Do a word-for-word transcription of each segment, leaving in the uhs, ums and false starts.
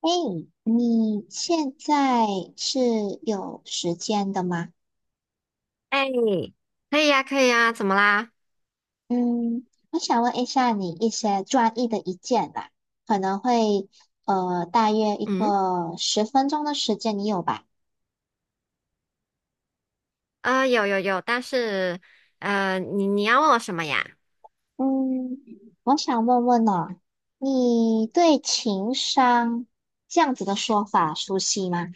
哎，你现在是有时间的吗？哎，可以呀，可以呀，怎么啦？嗯，我想问一下你一些专业的意见吧，可能会呃大约一嗯，个十分钟的时间，你有吧？呃，有有有，但是，呃，你你要问我什么呀？嗯，我想问问哦，你对情商这样子的说法熟悉吗？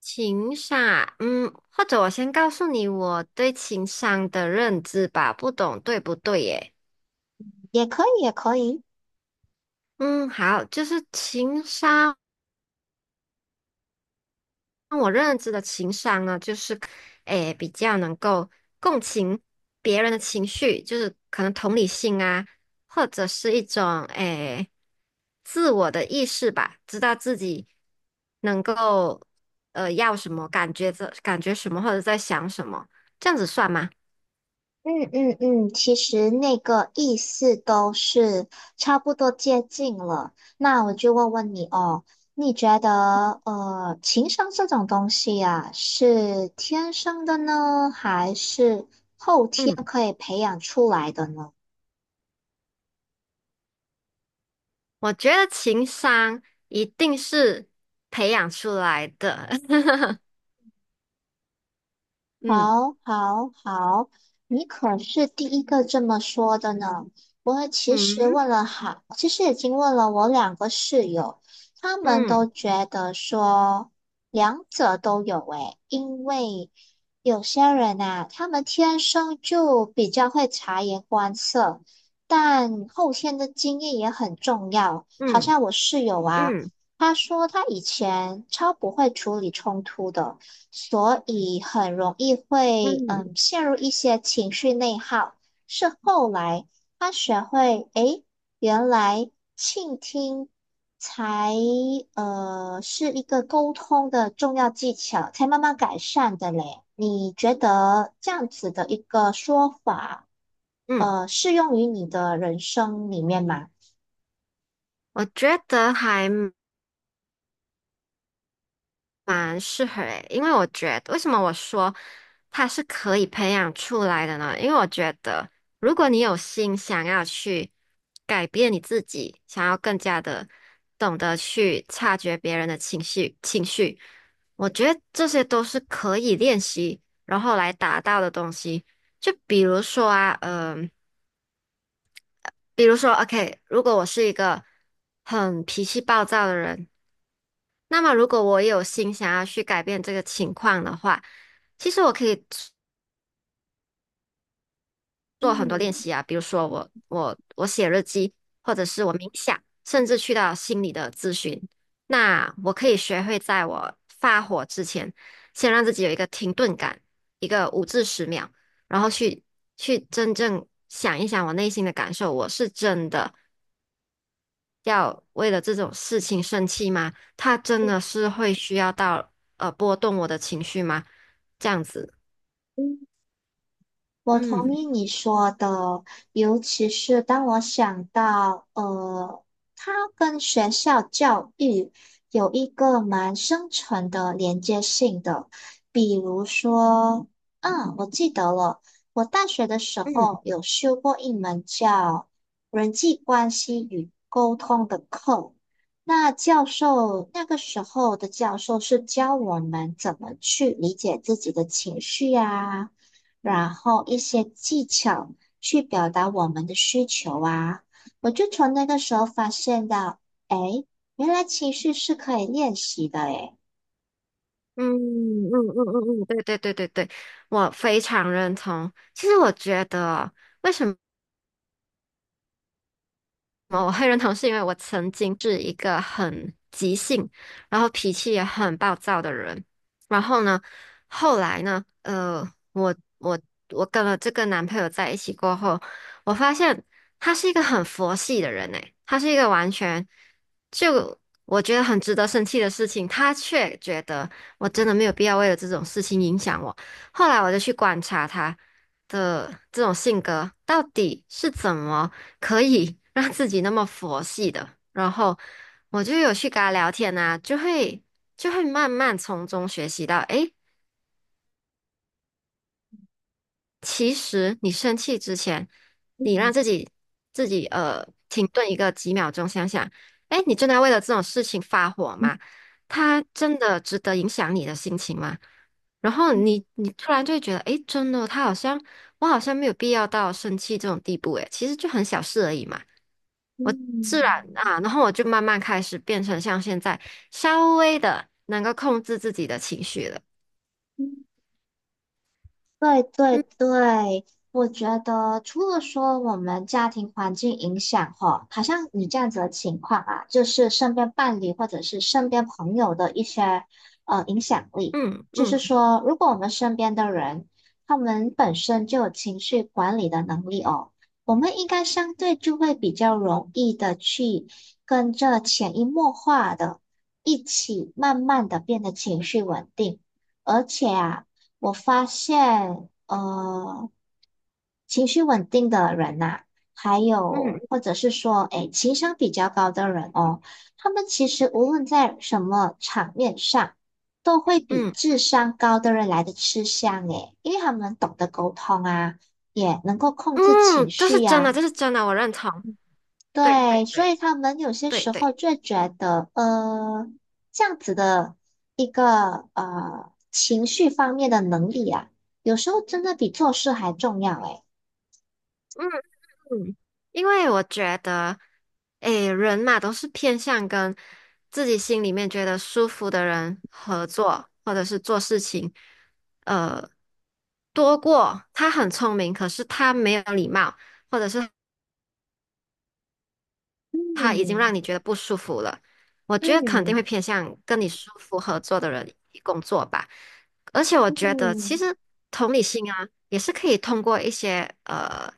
情商，嗯，或者我先告诉你我对情商的认知吧，不懂对不对耶？也可以，也可以。嗯，好，就是情商。我认知的情商呢，就是，诶，比较能够共情别人的情绪，就是可能同理心啊，或者是一种诶自我的意识吧，知道自己能够呃要什么，感觉这感觉什么，或者在想什么，这样子算吗？嗯嗯嗯，其实那个意思都是差不多接近了。那我就问问你哦，你觉得呃，情商这种东西呀，是天生的呢，还是后天嗯，可以培养出来的呢？我觉得情商一定是培养出来的。嗯好，好，好，你可是第一个这么说的呢。我其实嗯问了好，其实已经问了我两个室友，他们都嗯觉得说两者都有诶，因为有些人呐、他们天生就比较会察言观色，但后天的经验也很重要。好嗯像我室友啊，嗯他说他以前超不会处理冲突的。所以很容易嗯会嗯嗯。陷入一些情绪内耗。是后来他学会，诶，原来倾听才呃是一个沟通的重要技巧，才慢慢改善的嘞。你觉得这样子的一个说法，嗯呃，适用于你的人生里面吗？我觉得还蛮适合诶，因为我觉得为什么我说它是可以培养出来的呢？因为我觉得如果你有心想要去改变你自己，想要更加的懂得去察觉别人的情绪情绪，我觉得这些都是可以练习，然后来达到的东西。就比如说啊，嗯、比如说，OK，如果我是一个很脾气暴躁的人。那么，如果我也有心想要去改变这个情况的话，其实我可以做很多练嗯习啊，比如说我我我写日记，或者是我冥想，甚至去到心理的咨询。那我可以学会在我发火之前，先让自己有一个停顿感，一个五至十秒，然后去去真正想一想我内心的感受，我是真的。要为了这种事情生气吗？他真的是会需要到呃波动我的情绪吗？这样子，嗯，我同嗯。意你说的，尤其是当我想到，呃，它跟学校教育有一个蛮深层的连接性的。比如说，嗯，我记得了，我大学的时候嗯有修过一门叫人际关系与沟通的课。那教授，那个时候的教授是教我们怎么去理解自己的情绪呀。然后一些技巧去表达我们的需求啊。我就从那个时候发现到，哎，原来情绪是可以练习的，哎。嗯嗯嗯嗯嗯，对对对对对，我非常认同。其实我觉得，为什么？我会认同，是因为我曾经是一个很急性，然后脾气也很暴躁的人。然后呢，后来呢，呃，我我我跟了这个男朋友在一起过后，我发现他是一个很佛系的人诶，他是一个完全就我觉得很值得生气的事情，他却觉得我真的没有必要为了这种事情影响我。后来我就去观察他的这种性格到底是怎么。可以 让自己那么佛系的，然后我就有去跟他聊天啊，就会就会慢慢从中学习到，诶，其实你生气之前，你嗯让自己自己呃停顿一个几秒钟，想想，诶，你真的要为了这种事情发火嗯吗？他真的值得影响你的心情吗？然后你你突然就会觉得，诶，真的，他好像我好像没有必要到生气这种地步，诶，其实就很小事而已嘛。我自然嗯啊，然后我就慢慢开始变成像现在稍微的能够控制自己的情绪了。嗯对对嗯对，我觉得除了说我们家庭环境影响哈，好像你这样子的情况啊，就是身边伴侣或者是身边朋友的一些呃影响力，嗯就是嗯说，如果我们身边的人他们本身就有情绪管理的能力哦，我们应该相对就会比较容易的去跟着潜移默化的一起慢慢的变得情绪稳定。而且啊，我发现，呃，情绪稳定的人呐、还嗯有或者是说，哎，情商比较高的人哦，他们其实无论在什么场面上，都会比嗯智商高的人来的吃香诶，因为他们懂得沟通啊，也能够控制情嗯，这绪是真呀、的，这是真的，我认同。对对对，所以对他们有些对时候对，就觉得，呃，这样子的一个呃情绪方面的能力啊，有时候真的比做事还重要诶。嗯嗯，因为我觉得，诶，人嘛都是偏向跟自己心里面觉得舒服的人合作，或者是做事情，呃，多过他很聪明，可是他没有礼貌。或者是他已经嗯让你觉得不舒服了，我觉得肯定嗯会偏向跟你舒服合作的人一起工作吧。而且我觉得，其嗯实同理心啊，也是可以通过一些呃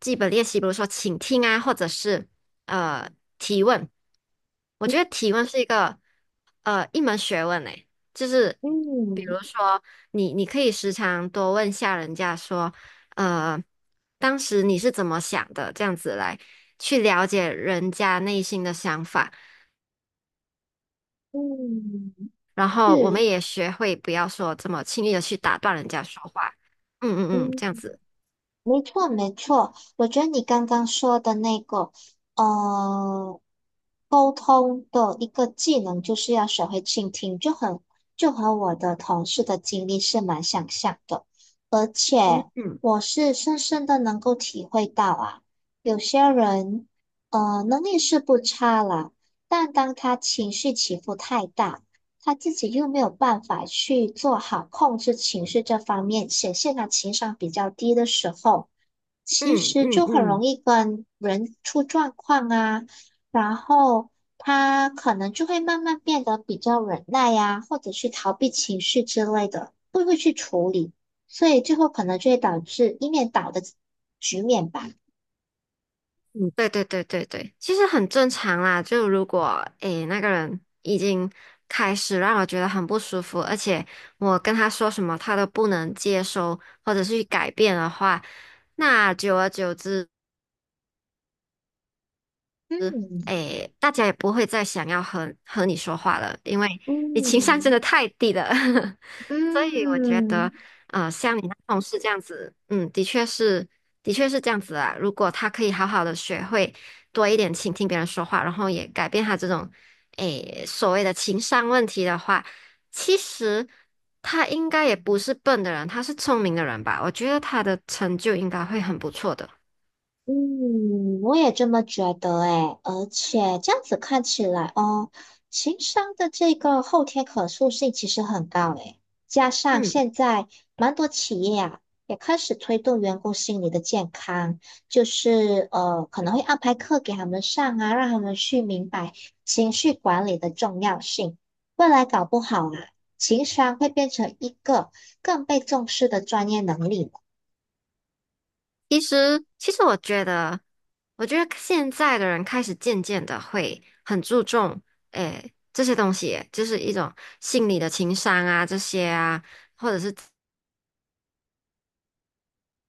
基本练习，比如说倾听啊，或者是呃提问。我觉得提问是一个呃一门学问诶，就是。嗯你你可以时常多问下人家说，呃，当时你是怎么想的？这样子来去了解人家内心的想法，嗯，然后我是们也学会不要说这么轻易的去打断人家说话。嗯嗯嗯，嗯。这样子。没错，没错，我觉得你刚刚说的那个，呃，沟通的一个技能，就是要学会倾听，就很就和我的同事的经历是蛮相像的。嗯我是深深的能够体会到啊，有些人，呃，能力是不差啦，但当他情绪起伏太大，他自己又没有办法去做好控制情绪这方面，显现他情商比较低的时候。其嗯实嗯就很容嗯易跟人出状况啊，然后他可能就会慢慢变得比较忍耐呀、或者是逃避情绪之类的，不会去处理，所以最后可能就会导致一面倒的局面吧。嗯，对对对对对，其实很正常啦。就如果诶那个人已经开始让我觉得很不舒服，而且我跟他说什么他都不能接收或者是去改变的话。那久而久之，嗯哎，大家也不会再想要和和你说话了，因为你情商真嗯的太低了。所以我觉嗯。得，呃，像你那同事这样子，嗯，的确是，的确是这样子啊。如果他可以好好的学会多一点倾听别人说话，然后也改变他这种，哎，所谓的情商问题的话，其实他应该也不是笨的人，他是聪明的人吧？我觉得他的成就应该会很不错的。嗯，我也这么觉得诶，而且这样子看起来哦，情商的这个后天可塑性其实很高诶，加上嗯。现在蛮多企业啊也开始推动员工心理的健康，就是呃可能会安排课给他们上啊，让他们去明白情绪管理的重要性。未来搞不好啊，情商会变成一个更被重视的专业能力呢其实，其实我觉得，我觉得现在的人开始渐渐的会很注重，诶，这些东西，就是一种心理的情商啊，这些啊，或者是。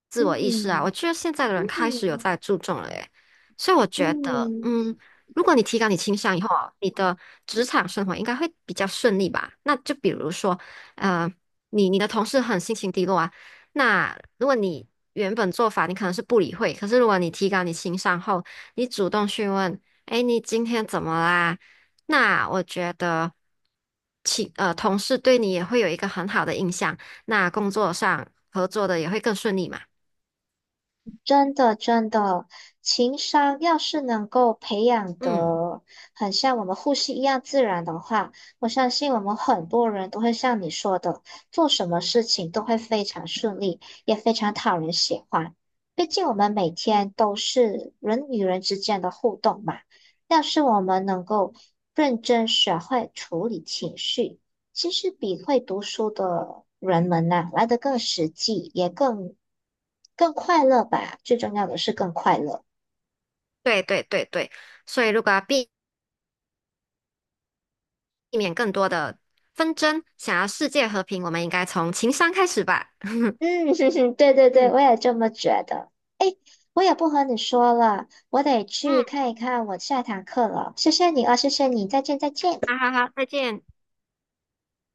自我意识啊，我嗯觉得现在的人开始有嗯。在注重了耶，所以我觉得，嗯嗯，如果你提高你情商以后啊你的职场生活应该会比较顺利吧？那就比如说，呃，你你的同事很心情低落啊，那如果你原本做法你可能是不理会，可是如果你提高你情商后，你主动询问，哎，你今天怎么啦？那我觉得，其呃，同事对你也会有一个很好的印象，那工作上合作的也会更顺利嘛。真的，真的，情商要是能够培养嗯，的很像我们呼吸一样自然的话，我相信我们很多人都会像你说的，做什么事情都会非常顺利，也非常讨人喜欢。毕竟我们每天都是人与人之间的互动嘛，要是我们能够认真学会处理情绪。其实比会读书的人们呐、来的更实际，也更更快乐吧。最重要的是更快乐。对对对对，所以如果要避避免更多的纷争，想要世界和平，我们应该从情商开始吧。嗯，哼哼对对对，嗯我也这么觉得。哎，我也不和你说了，我得去嗯，看一看我下堂课了。谢谢你啊，谢谢你，再见再见。好好好，再见。